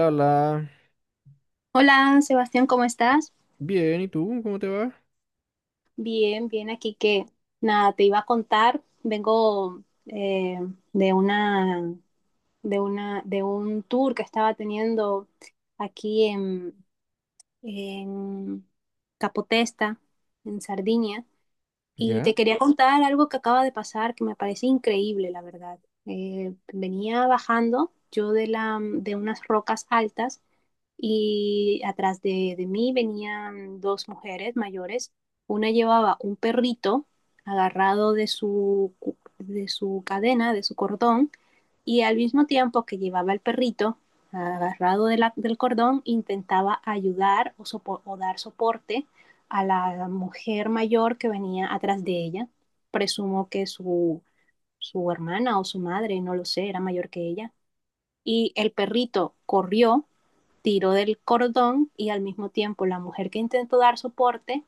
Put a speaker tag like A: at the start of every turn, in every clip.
A: La la.
B: Hola, Sebastián, ¿cómo estás?
A: Bien, ¿y tú? ¿Cómo te va?
B: Bien, bien, aquí que nada, te iba a contar, vengo de una, de un tour que estaba teniendo aquí en Capotesta, en Sardinia, y
A: ¿Ya?
B: te quería contar algo que acaba de pasar que me parece increíble, la verdad. Venía bajando yo de unas rocas altas y atrás de mí venían dos mujeres mayores. Una llevaba un perrito agarrado de su cadena, de su cordón, y al mismo tiempo que llevaba el perrito agarrado del cordón, intentaba ayudar o dar soporte a la mujer mayor que venía atrás de ella. Presumo que su hermana o su madre, no lo sé, era mayor que ella. Y el perrito corrió, tiró del cordón y al mismo tiempo la mujer que intentó dar soporte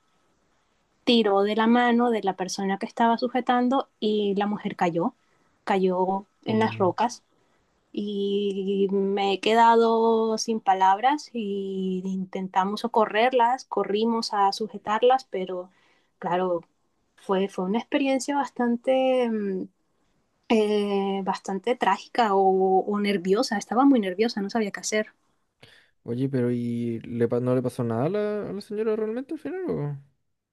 B: tiró de la mano de la persona que estaba sujetando y la mujer cayó, cayó en las
A: Oh.
B: rocas y me he quedado sin palabras y intentamos socorrerlas, corrimos a sujetarlas, pero claro, fue una experiencia bastante, bastante trágica o nerviosa, estaba muy nerviosa, no sabía qué hacer.
A: Oye, pero ¿y le, pa- no le pasó nada a la señora realmente al final? O?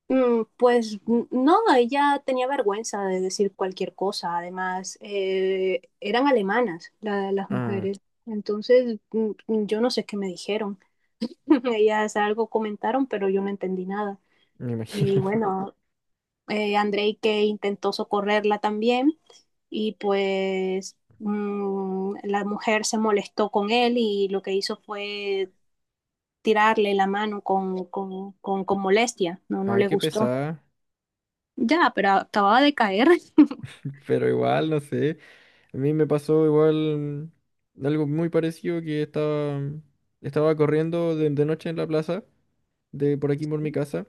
B: Pues no, ella tenía vergüenza de decir cualquier cosa. Además, eran alemanas las
A: Ah,
B: mujeres. Entonces, yo no sé qué me dijeron. Ellas algo comentaron, pero yo no entendí nada.
A: me imagino.
B: Y bueno, Andrei que intentó socorrerla también. Y pues la mujer se molestó con él y lo que hizo fue tirarle la mano con molestia. No, no
A: Ay,
B: le
A: qué
B: gustó.
A: pesada.
B: Ya, pero acababa de caer.
A: Pero igual, no sé. A mí me pasó igual, algo muy parecido, que estaba, estaba corriendo de noche en la plaza, de por aquí por mi casa.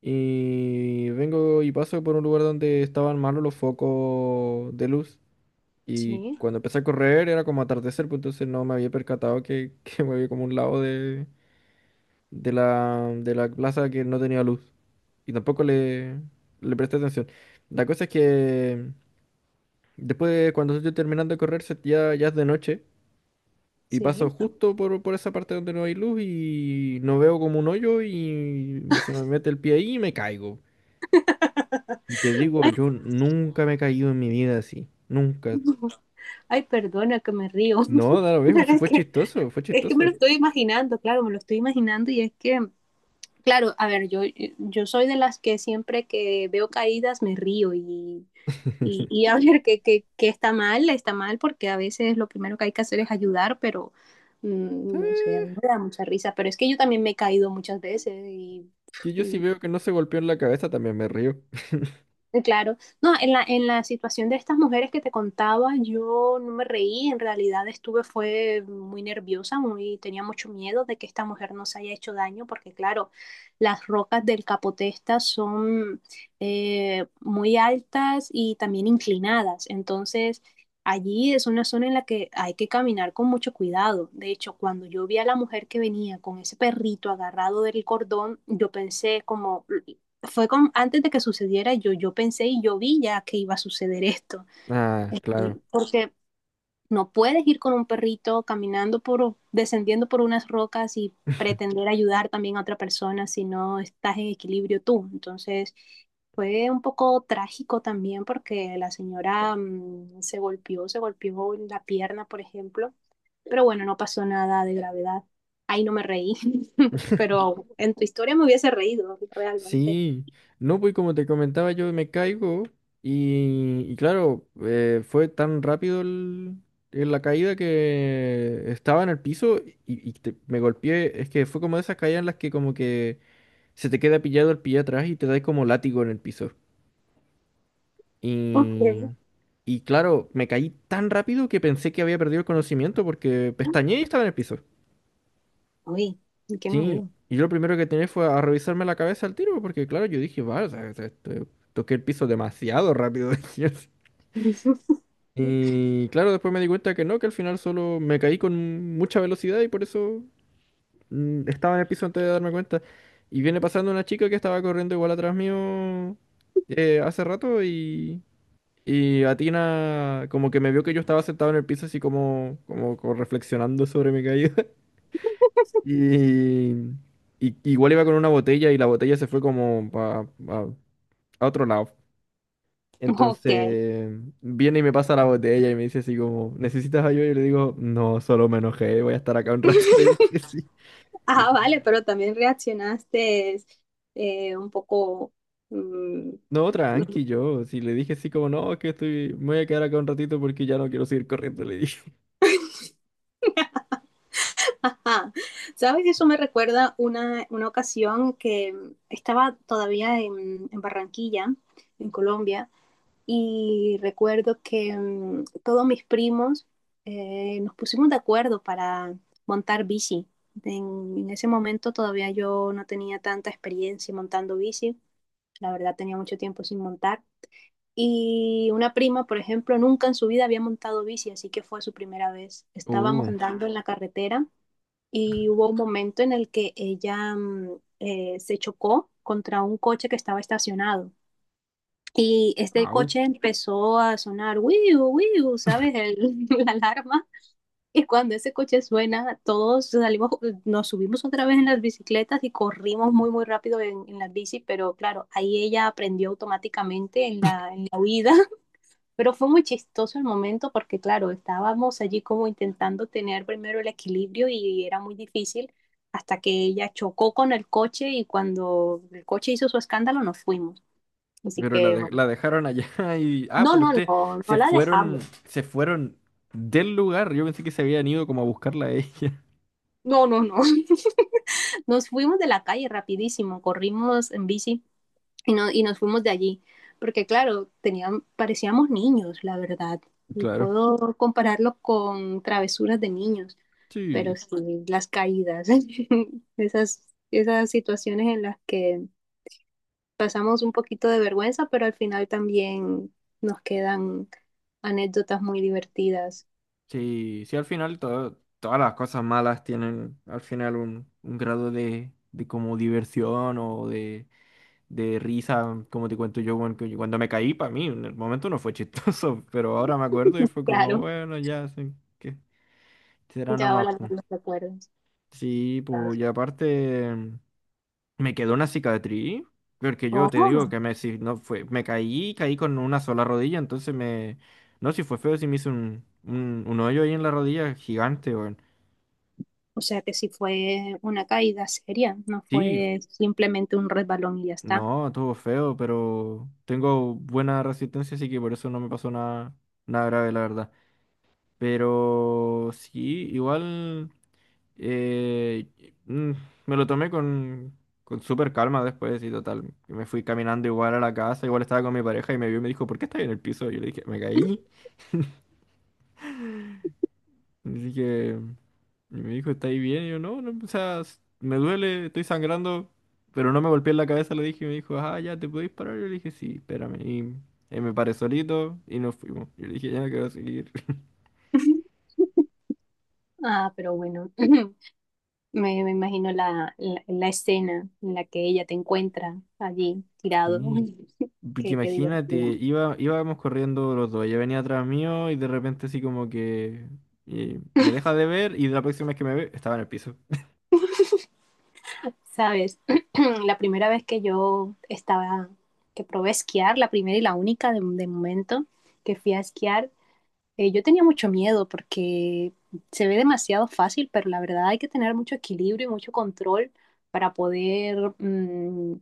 A: Y vengo y paso por un lugar donde estaban malos los focos de luz. Y
B: Sí,
A: cuando empecé a correr era como atardecer, pues entonces no me había percatado que, que me había como un lado de, de la plaza que no tenía luz. Y tampoco le presté atención. La cosa es que después, de- cuando estoy terminando de correr, se- ya es de noche. Y paso
B: sí.
A: justo por esa parte donde no hay luz y no veo como un hoyo y me- se me mete el pie ahí y me caigo. Y te digo,
B: Ay,
A: yo nunca me he caído en mi vida así. Nunca.
B: ay, perdona que me río.
A: No, da lo mismo,
B: Pero
A: si
B: es
A: fue
B: que,
A: chistoso, fue
B: es que me
A: chistoso.
B: lo estoy imaginando, claro, me lo estoy imaginando y es que, claro, a ver, yo, soy de las que siempre que veo caídas me río y, y, y a ver que está mal porque a veces lo primero que hay que hacer es ayudar, pero
A: Sí.
B: no sé, a mí me da mucha risa, pero es que yo también me he caído muchas veces y
A: Que yo sí
B: mm,
A: veo que no se golpeó en la cabeza, también me río.
B: claro, no, en la situación de estas mujeres que te contaba, yo no me reí, en realidad estuve, fue muy nerviosa, muy, tenía mucho miedo de que esta mujer nos haya hecho daño, porque claro, las rocas del Capotesta son muy altas y también inclinadas, entonces allí es una zona en la que hay que caminar con mucho cuidado. De hecho, cuando yo vi a la mujer que venía con ese perrito agarrado del cordón, yo pensé como fue con, antes de que sucediera, yo pensé y yo vi ya que iba a suceder esto,
A: Ah, claro.
B: porque no puedes ir con un perrito caminando por, descendiendo por unas rocas y pretender ayudar también a otra persona si no estás en equilibrio tú. Entonces, fue un poco trágico también porque la señora se golpeó la pierna, por ejemplo, pero bueno, no pasó nada de gravedad. Ahí no me reí, pero en tu historia me hubiese reído realmente.
A: Sí, no, pues como te comentaba, yo me caigo y claro, fue tan rápido el- la caída que estaba en el piso y te- me golpeé. Es que fue como de esas caídas en las que como que se te queda pillado el pie atrás y te dais como látigo en el piso.
B: Okay.
A: Y, y claro, me caí tan rápido que pensé que había perdido el conocimiento porque pestañeé y estaba en el piso.
B: Uy, qué
A: Sí,
B: miedo.
A: y yo lo primero que tenía fue a revisarme la cabeza al tiro, porque claro, yo dije, va, o sea, to- toqué el piso demasiado rápido. Dije así. Y claro, después me di cuenta que no, que al final solo me caí con mucha velocidad y por eso estaba en el piso antes de darme cuenta. Y viene pasando una chica que estaba corriendo igual atrás mío, hace rato, y Atina como que me vio que yo estaba sentado en el piso así como, como reflexionando sobre mi caída. Y, y- igual iba con una botella y la botella se fue como pa- pa- a otro lado.
B: Ok.
A: Entonces viene y me pasa la botella y me dice así como, ¿necesitas ayuda? Y le digo, no, solo me enojé, voy a estar acá un rato. Le dije sí. Y
B: Ah, vale, pero también reaccionaste un poco... mm,
A: no, tranqui, yo. Si le dije así como, no, es que estoy, me voy a quedar acá un ratito porque ya no quiero seguir corriendo, le dije.
B: ajá. ¿Sabes? Eso me recuerda una, ocasión que estaba todavía en Barranquilla, en Colombia, y recuerdo que todos mis primos nos pusimos de acuerdo para montar bici. en ese momento todavía yo no tenía tanta experiencia montando bici. La verdad, tenía mucho tiempo sin montar. Y una prima, por ejemplo, nunca en su vida había montado bici, así que fue su primera vez. Estábamos
A: Uh,
B: andando en la carretera y hubo un momento en el que ella se chocó contra un coche que estaba estacionado. Y este
A: au.
B: coche empezó a sonar, wiu, wiu, ¿sabes? El- la alarma. Y cuando ese coche suena, todos salimos, nos subimos otra vez en las bicicletas y corrimos muy, muy rápido en, las bicis, pero claro, ahí ella aprendió automáticamente en la huida. Pero fue muy chistoso el momento porque, claro, estábamos allí como intentando tener primero el equilibrio y era muy difícil hasta que ella chocó con el coche y cuando el coche hizo su escándalo nos fuimos. Así
A: Pero la,
B: que,
A: de-
B: bueno,
A: la dejaron allá y... Ah,
B: no,
A: pero
B: no,
A: usted
B: no, no la dejamos.
A: se fueron del lugar. Yo pensé que se habían ido como a buscarla a ella.
B: No, no, no. Nos fuimos de la calle rapidísimo, corrimos en bici y, no, y nos fuimos de allí, porque claro, tenían, parecíamos niños, la verdad. Y
A: Claro.
B: puedo compararlo con travesuras de niños, pero
A: Sí.
B: sí, las caídas, esas, esas situaciones en las que pasamos un poquito de vergüenza, pero al final también nos quedan anécdotas muy divertidas.
A: Sí, sí, al final todo- todas las cosas malas tienen al final un grado de como diversión o de risa, como te cuento yo, cuando, cuando me caí, para mí en el momento no fue chistoso, pero ahora me acuerdo y fue como,
B: Claro,
A: bueno, ya, sí, que será
B: ya
A: nomás.
B: ahora no
A: Pu.
B: los recuerdos.
A: Sí,
B: Claro.
A: pues, y aparte... Me quedó una cicatriz, porque yo
B: Oh,
A: te digo que me, si no fue, me caí, caí con una sola rodilla, entonces me... No, si fue feo, si me hizo un hoyo ahí en la rodilla gigante, weón.
B: o sea que sí fue una caída seria, no
A: Sí,
B: fue simplemente un resbalón y ya está.
A: no, estuvo feo, pero tengo buena resistencia, así que por eso no me pasó nada, nada grave, la verdad. Pero sí, igual... Eh, mm, me lo tomé con súper calma después y total. Me fui caminando igual a la casa, igual estaba con mi pareja y me vio y me dijo, ¿por qué estás en el piso? Y yo le dije, me caí. Y le dije, y me dijo, ¿estás bien? Y yo, no, no, o sea, s- me duele, estoy sangrando, pero no me golpeé en la cabeza, le dije, y me dijo, ah, ya, ¿te podéis parar? Y yo le dije, sí, espérame. Y me paré solito y nos fuimos. Yo le dije, ya no quiero seguir.
B: Ah, pero bueno, me imagino la escena en la que ella te encuentra allí tirado.
A: Sí.
B: Uy,
A: Porque
B: qué
A: imagínate,
B: divertido.
A: iba, íbamos corriendo los dos, ella venía atrás mío y de repente así como que me deja de ver y la próxima vez que me ve estaba en el piso.
B: Sabes, la primera vez que que probé esquiar, la primera y la única de momento que fui a esquiar, yo tenía mucho miedo porque se ve demasiado fácil, pero la verdad hay que tener mucho equilibrio y mucho control para poder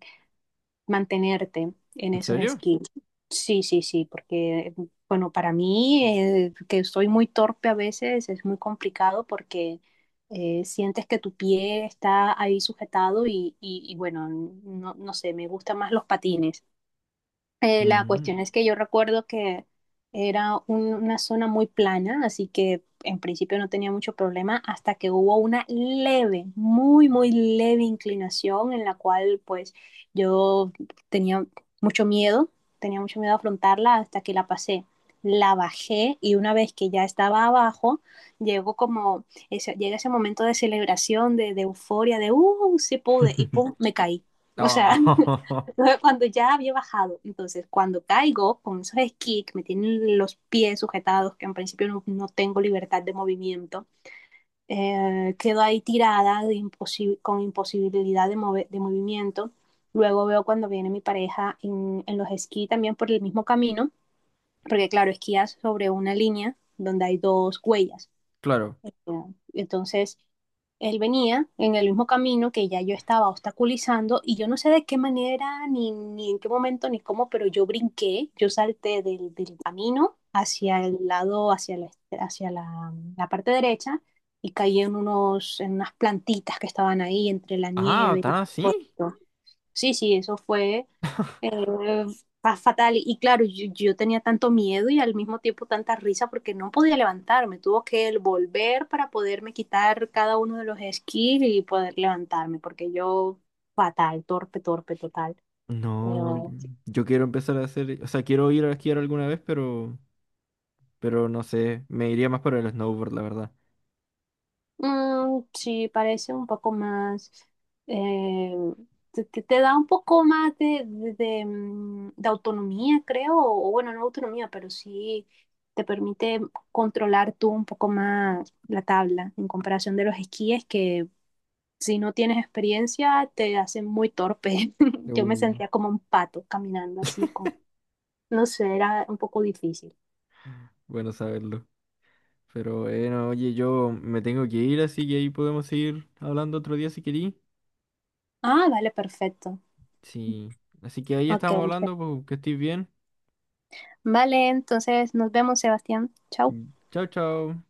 B: mantenerte en
A: ¿En
B: esos
A: serio?
B: skills. Sí, sí, sí, porque, bueno, para mí, que soy muy torpe a veces, es muy complicado porque sientes que tu pie está ahí sujetado y bueno, no, no sé, me gustan más los patines. La
A: Mm.
B: cuestión es que yo recuerdo que era una zona muy plana, así que en principio no tenía mucho problema hasta que hubo una leve, muy, muy leve inclinación en la cual pues yo tenía mucho miedo, tenía mucho miedo a afrontarla hasta que la pasé. La bajé y una vez que ya estaba abajo, llegó como ese, llega ese momento de celebración, de, euforia, de ¡uh! Se pude y ¡pum! Me caí. O sea,
A: Oh,
B: Entonces, cuando ya había bajado, entonces cuando caigo con esos esquís que me tienen los pies sujetados, que en principio no tengo libertad de movimiento, quedo ahí tirada de imposi con imposibilidad de movimiento. Luego veo cuando viene mi pareja en, los esquís también por el mismo camino, porque claro, esquías sobre una línea donde hay dos huellas.
A: claro.
B: Ya. Entonces, él venía en el mismo camino que ya yo estaba obstaculizando y yo no sé de qué manera, ni, en qué momento, ni cómo, pero yo brinqué, yo salté del camino hacia el lado, hacia la parte derecha y caí en unas plantitas que estaban ahí entre la
A: Ah,
B: nieve y
A: ¿tan
B: el
A: así?
B: viento. Sí, sí, eso fue eh, fatal. Y claro, yo tenía tanto miedo y al mismo tiempo tanta risa porque no podía levantarme. Tuvo que él volver para poderme quitar cada uno de los esquís y poder levantarme porque yo fatal, torpe, torpe, total.
A: No,
B: Pero
A: yo quiero empezar a hacer, o sea, quiero ir a esquiar alguna vez, pero no sé, me iría más por el snowboard, la verdad.
B: Sí, parece un poco más, eh, te da un poco más de autonomía, creo, o bueno, no autonomía, pero sí te permite controlar tú un poco más la tabla en comparación de los esquíes que si no tienes experiencia te hacen muy torpe. Yo me
A: Uh,
B: sentía como un pato caminando así, no sé, era un poco difícil.
A: bueno saberlo. Pero bueno, oye, yo me tengo que ir, así que ahí podemos seguir hablando otro día si querís.
B: Ah, vale, perfecto.
A: Sí. Así que ahí
B: Ok,
A: estamos
B: ok.
A: hablando, pues, que estés bien.
B: Vale, entonces nos vemos, Sebastián. Chao.
A: Mm. Chao, chao.